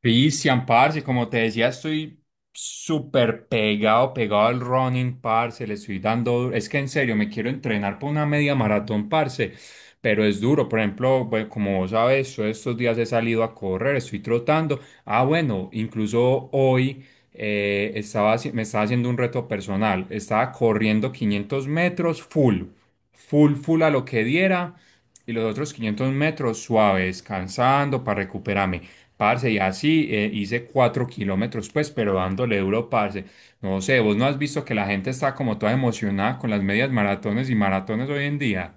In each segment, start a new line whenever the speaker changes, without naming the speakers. Cristian, parce, como te decía, estoy súper pegado, pegado al running, parce, le estoy dando, es que en serio, me quiero entrenar por una media maratón, parce, pero es duro, por ejemplo, bueno, como vos sabes, yo estos días he salido a correr, estoy trotando, ah, bueno, incluso hoy estaba, me estaba haciendo un reto personal, estaba corriendo 500 m full, full, full a lo que diera, y los otros 500 m suaves, descansando para recuperarme. Parce, y así hice 4 km, pues, pero dándole duro, parce. No sé, vos no has visto que la gente está como toda emocionada con las medias maratones y maratones hoy en día.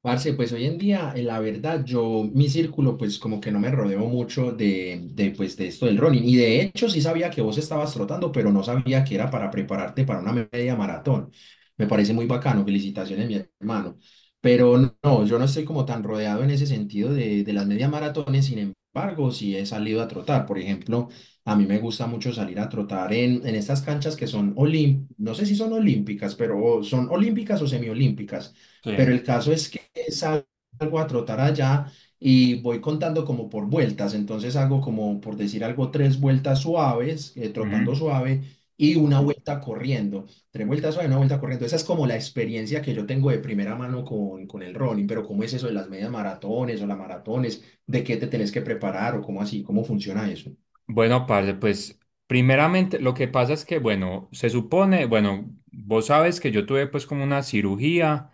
Parce, pues hoy en día, la verdad, yo, mi círculo, pues como que no me rodeo mucho pues, de esto del running. Y de hecho, sí sabía que vos estabas trotando, pero no sabía que era para prepararte para una media maratón. Me parece muy bacano, felicitaciones, mi hermano. Pero no, no, yo no estoy como tan rodeado en ese sentido de las medias maratones, sin embargo, sí he salido a trotar. Por ejemplo, a mí me gusta mucho salir a trotar en estas canchas que son olímpicas, no sé si son olímpicas, pero son olímpicas o semiolímpicas, pero
Sí.
el caso es que salgo a trotar allá y voy contando como por vueltas. Entonces hago como, por decir algo, tres vueltas suaves, trotando
Ujú.
suave y una vuelta corriendo. Tres vueltas suaves, una vuelta corriendo. Esa es como la experiencia que yo tengo de primera mano con el running. Pero ¿cómo es eso de las medias maratones o las maratones? ¿De qué te tenés que preparar o cómo así? ¿Cómo funciona eso?
Bueno, parce, pues primeramente lo que pasa es que, bueno, se supone, bueno, vos sabes que yo tuve pues como una cirugía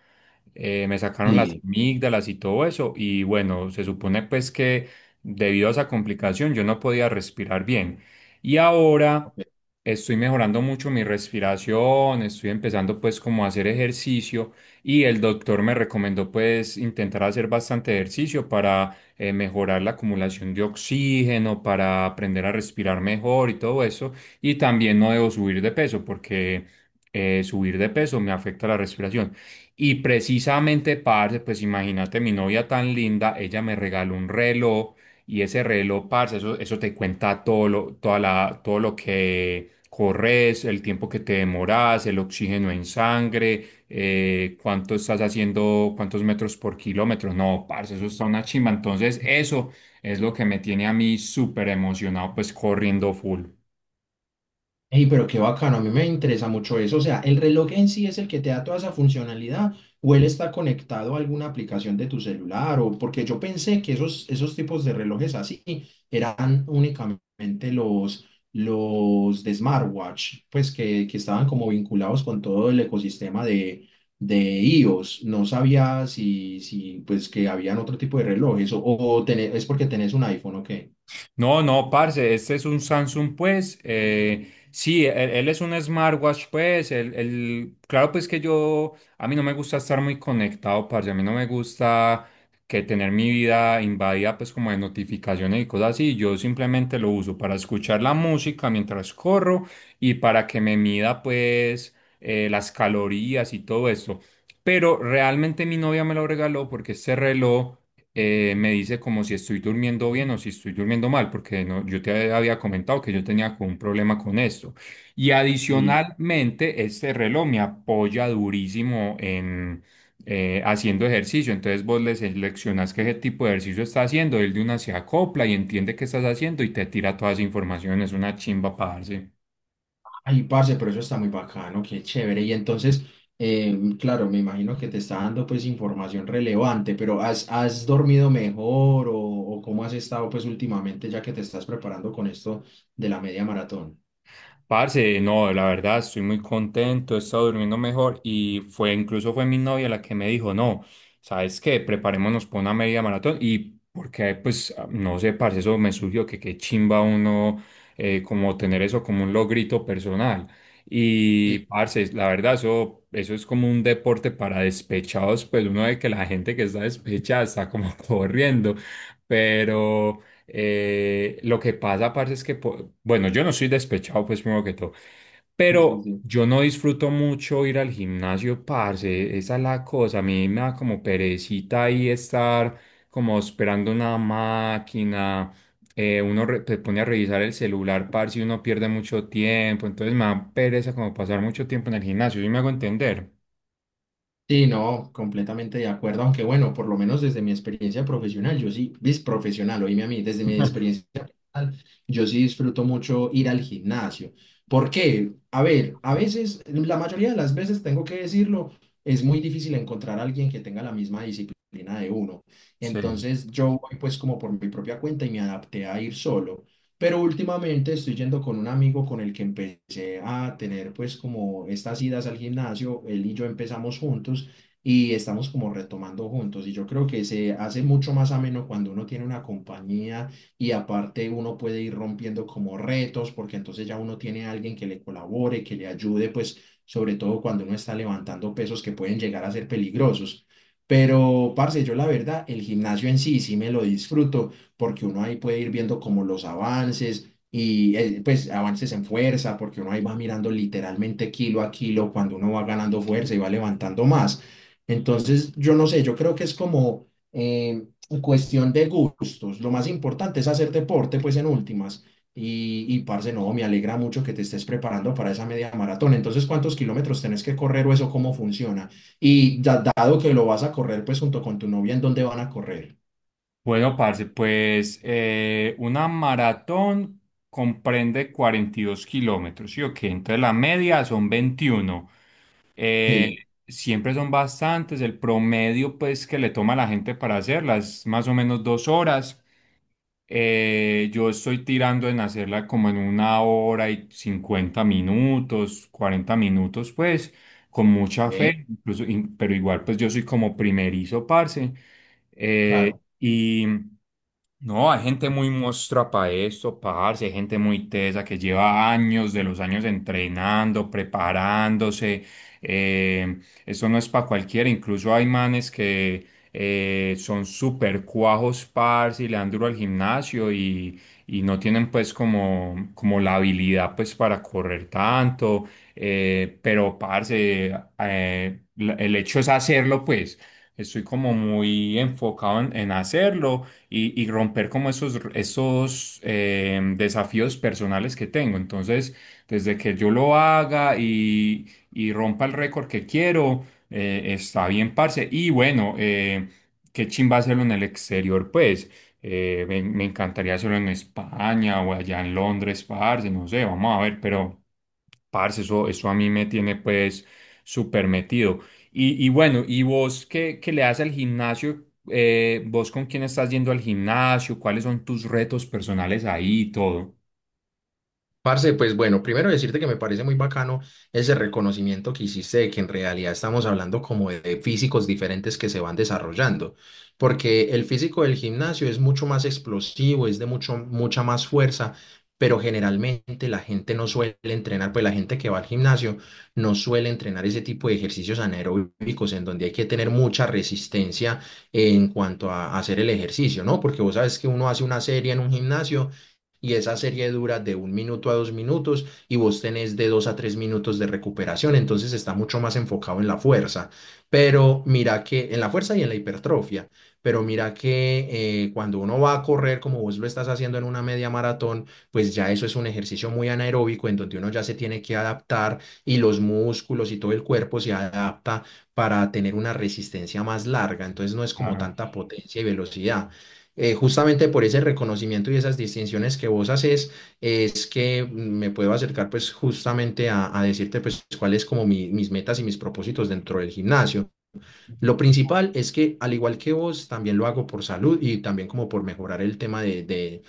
me sacaron las
Sí.
amígdalas y todo eso y bueno, se supone pues que debido a esa complicación yo no podía respirar bien. Y ahora estoy mejorando mucho mi respiración, estoy empezando pues como a hacer ejercicio y el doctor me recomendó pues intentar hacer bastante ejercicio para mejorar la acumulación de oxígeno, para aprender a respirar mejor y todo eso. Y también no debo subir de peso porque subir de peso me afecta la respiración. Y precisamente, parce, pues imagínate, mi novia tan linda, ella me regaló un reloj y ese reloj, parce, eso te cuenta todo lo, toda la, todo lo que corres, el tiempo que te demoras, el oxígeno en sangre, cuánto estás haciendo, cuántos metros por kilómetro. No, parce, eso está una chimba. Entonces, eso es lo que me tiene a mí súper emocionado, pues corriendo full.
Ey, pero qué bacano, a mí me interesa mucho eso. O sea, ¿el reloj en sí es el que te da toda esa funcionalidad o él está conectado a alguna aplicación de tu celular? O porque yo pensé que esos tipos de relojes así eran únicamente los de smartwatch, que estaban como vinculados con todo el ecosistema de iOS. No sabía si pues que habían otro tipo de relojes o tené- es porque tenés un iPhone o qué.
No, no, parce, este es un Samsung, pues. Sí, él es un smartwatch, pues. Claro, pues que yo, a mí no me gusta estar muy conectado, parce. A mí no me gusta que tener mi vida invadida, pues, como de notificaciones y cosas así. Yo simplemente lo uso para escuchar la música mientras corro y para que me mida, pues, las calorías y todo esto. Pero realmente mi novia me lo regaló porque este reloj me dice como si estoy durmiendo bien o si estoy durmiendo mal, porque no, yo te había comentado que yo tenía como un problema con esto. Y adicionalmente, este reloj me apoya durísimo en haciendo ejercicio. Entonces vos le seleccionas qué tipo de ejercicio está haciendo, él de una se acopla y entiende qué estás haciendo y te tira toda esa información. Es una chimba, parce.
Ay, parce, pero eso está muy bacano, qué chévere. Y entonces, claro, me imagino que te está dando pues información relevante, pero ¿ has dormido mejor o cómo has estado pues últimamente ya que te estás preparando con esto de la media maratón?
Parce, no, la verdad estoy muy contento, he estado durmiendo mejor y fue incluso fue mi novia la que me dijo, no, ¿sabes qué? Preparémonos para una media maratón y porque pues ah, no sé, parce, eso me surgió que qué chimba uno como tener eso como un logrito personal. Y
Sí,
parce, la verdad eso es como un deporte para despechados, pues uno ve que la gente que está despechada está como corriendo, pero lo que pasa, parce, es que, bueno, yo no soy despechado, pues primero que todo,
sí, sí,
pero
sí.
yo no disfruto mucho ir al gimnasio, parce, esa es la cosa, a mí me da como perecita ahí estar como esperando una máquina, se pone a revisar el celular, parce, y uno pierde mucho tiempo, entonces me da pereza como pasar mucho tiempo en el gimnasio, ¿sí me hago entender?
Sí, no, completamente de acuerdo, aunque bueno, por lo menos desde mi experiencia profesional, yo sí, vis profesional, oíme a mí, desde mi experiencia profesional, yo sí disfruto mucho ir al gimnasio. ¿Por qué? A ver, a veces, la mayoría de las veces, tengo que decirlo, es muy difícil encontrar a alguien que tenga la misma disciplina de uno.
Sí.
Entonces, yo voy pues como por mi propia cuenta y me adapté a ir solo. Pero últimamente estoy yendo con un amigo con el que empecé a tener pues como estas idas al gimnasio, él y yo empezamos juntos y estamos como retomando juntos y yo creo que se hace mucho más ameno cuando uno tiene una compañía y aparte uno puede ir rompiendo como retos porque entonces ya uno tiene a alguien que le colabore, que le ayude pues sobre todo cuando uno está levantando pesos que pueden llegar a ser peligrosos. Pero, parce, yo la verdad, el gimnasio en sí sí me lo disfruto porque uno ahí puede ir viendo como los avances y pues avances en fuerza, porque uno ahí va mirando literalmente kilo a kilo cuando uno va ganando fuerza y va levantando más. Entonces, yo no sé, yo creo que es como cuestión de gustos. Lo más importante es hacer deporte, pues en últimas. Y parce, no, me alegra mucho que te estés preparando para esa media maratón. Entonces, ¿cuántos kilómetros tenés que correr o eso cómo funciona? Y ya dado que lo vas a correr, pues junto con tu novia, ¿en dónde van a correr?
Bueno, parce, pues una maratón comprende 42 km, ¿sí o qué? Entonces la media son 21. Eh,
Sí,
Siempre son bastantes, el promedio pues que le toma a la gente para hacerlas, más o menos 2 horas. Yo estoy tirando en hacerla como en 1 hora y 50 minutos, 40 minutos, pues, con mucha
ve,
fe, incluso, pero igual, pues yo soy como primerizo, parce. Eh,
claro.
y no, hay gente muy mostra para esto, parce, hay gente muy tesa que lleva años de los años entrenando, preparándose. eh, Eso no es para cualquiera, incluso hay manes que son súper cuajos, parce, y le dan duro al gimnasio y no tienen pues como, como la habilidad pues para correr tanto, pero parce, el hecho es hacerlo pues. Estoy como muy enfocado en hacerlo y romper como esos, desafíos personales que tengo. Entonces, desde que yo lo haga y rompa el récord que quiero, está bien, parce. Y bueno, qué chimba hacerlo en el exterior, pues. Me encantaría hacerlo en España o allá en Londres, parce. No sé, vamos a ver, pero parce, eso a mí me tiene pues súper metido. Y bueno, ¿y vos qué, le das al gimnasio? ¿Vos con quién estás yendo al gimnasio? ¿Cuáles son tus retos personales ahí y todo?
Parce, pues bueno, primero decirte que me parece muy bacano ese reconocimiento que hiciste de que en realidad estamos hablando como de físicos diferentes que se van desarrollando, porque el físico del gimnasio es mucho más explosivo, es de mucho, mucha más fuerza, pero generalmente la gente no suele entrenar, pues la gente que va al gimnasio no suele entrenar ese tipo de ejercicios anaeróbicos en donde hay que tener mucha resistencia en cuanto a hacer el ejercicio, ¿no? Porque vos sabes que uno hace una serie en un gimnasio y esa serie dura de un minuto a dos minutos y vos tenés de dos a tres minutos de recuperación, entonces está mucho más enfocado en la fuerza, pero mira que en la fuerza y en la hipertrofia, pero mira que cuando uno va a correr como vos lo estás haciendo en una media maratón, pues ya eso es un ejercicio muy anaeróbico en donde uno ya se tiene que adaptar y los músculos y todo el cuerpo se adapta para tener una resistencia más larga, entonces no es como
Claro.
tanta potencia y velocidad, justamente por ese reconocimiento y esas distinciones que vos haces, es que me puedo acercar pues justamente a decirte pues cuáles como mi- mis metas y mis propósitos dentro del gimnasio. Lo principal es que al igual que vos, también lo hago por salud y también como por mejorar el tema de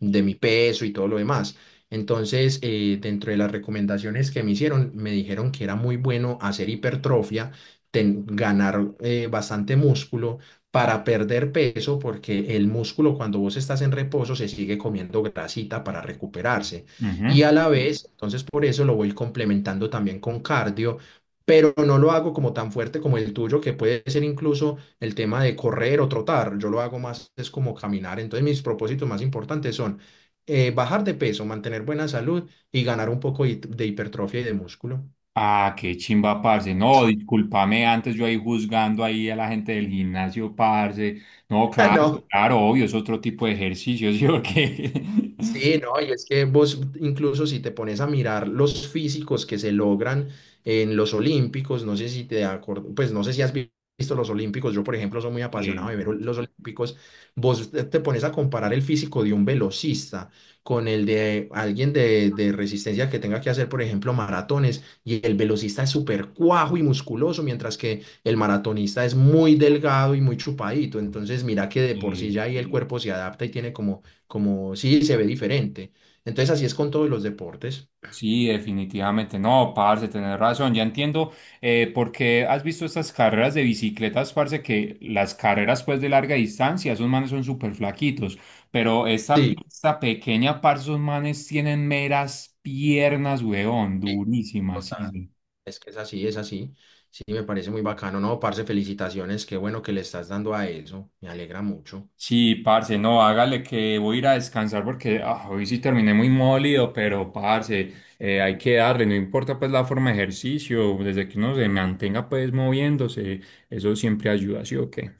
de mi peso y todo lo demás. Entonces, dentro de las recomendaciones que me hicieron, me dijeron que era muy bueno hacer hipertrofia, ten- ganar bastante músculo para perder peso, porque el músculo cuando vos estás en reposo se sigue comiendo grasita para recuperarse. Y
Ujú.
a la vez, entonces por eso lo voy complementando también con cardio, pero no lo hago como tan fuerte como el tuyo, que puede ser incluso el tema de correr o trotar, yo lo hago más, es como caminar. Entonces mis propósitos más importantes son bajar de peso, mantener buena salud y ganar un poco hi- de hipertrofia y de músculo.
Ah, qué chimba, parce. No, discúlpame, antes yo ahí juzgando ahí a la gente del gimnasio, parce. No, claro,
No,
claro, obvio, es otro tipo de ejercicio, ¿sí o qué?
sí, no, y es que vos incluso si te pones a mirar los físicos que se logran en los Olímpicos, no sé si te acuerdas, pues no sé si has vi- visto los Olímpicos, yo por ejemplo soy muy apasionado
Que-
de ver ol- los Olímpicos, vos te pones a comparar el físico de un velocista con el de alguien de resistencia que tenga que hacer por ejemplo maratones y el velocista es súper cuajo y musculoso, mientras que el maratonista es muy delgado y muy chupadito, entonces mira que de por sí
que-
ya ahí el cuerpo se adapta y tiene como como sí se ve diferente. Entonces así es con todos los deportes.
Sí, definitivamente. No, parce, tenés razón. Ya entiendo por qué has visto estas carreras de bicicletas, parce, que las carreras pues de larga distancia, esos manes son súper flaquitos. Pero esta
Sí,
pista pequeña, parce, esos manes tienen meras piernas, weón,
sí,
durísimas, sí.
total.
Sí.
Es que es así, es así. Sí, me parece muy bacano. No, parce, felicitaciones. Qué bueno que le estás dando a eso. Me alegra mucho.
Sí, parce, no, hágale que voy a ir a descansar porque ah, hoy sí terminé muy molido, pero parce, hay que darle, no importa pues la forma de ejercicio, desde que uno se mantenga pues moviéndose, eso siempre ayuda, ¿sí o qué?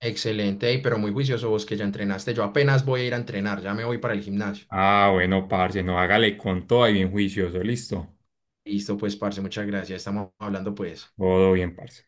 Excelente, ey, pero muy juicioso vos que ya entrenaste. Yo apenas voy a ir a entrenar, ya me voy para el gimnasio.
Ah, bueno, parce, no, hágale con todo y bien juicioso, listo.
Listo, pues, parce, muchas gracias. Estamos hablando, pues.
Todo bien, parce.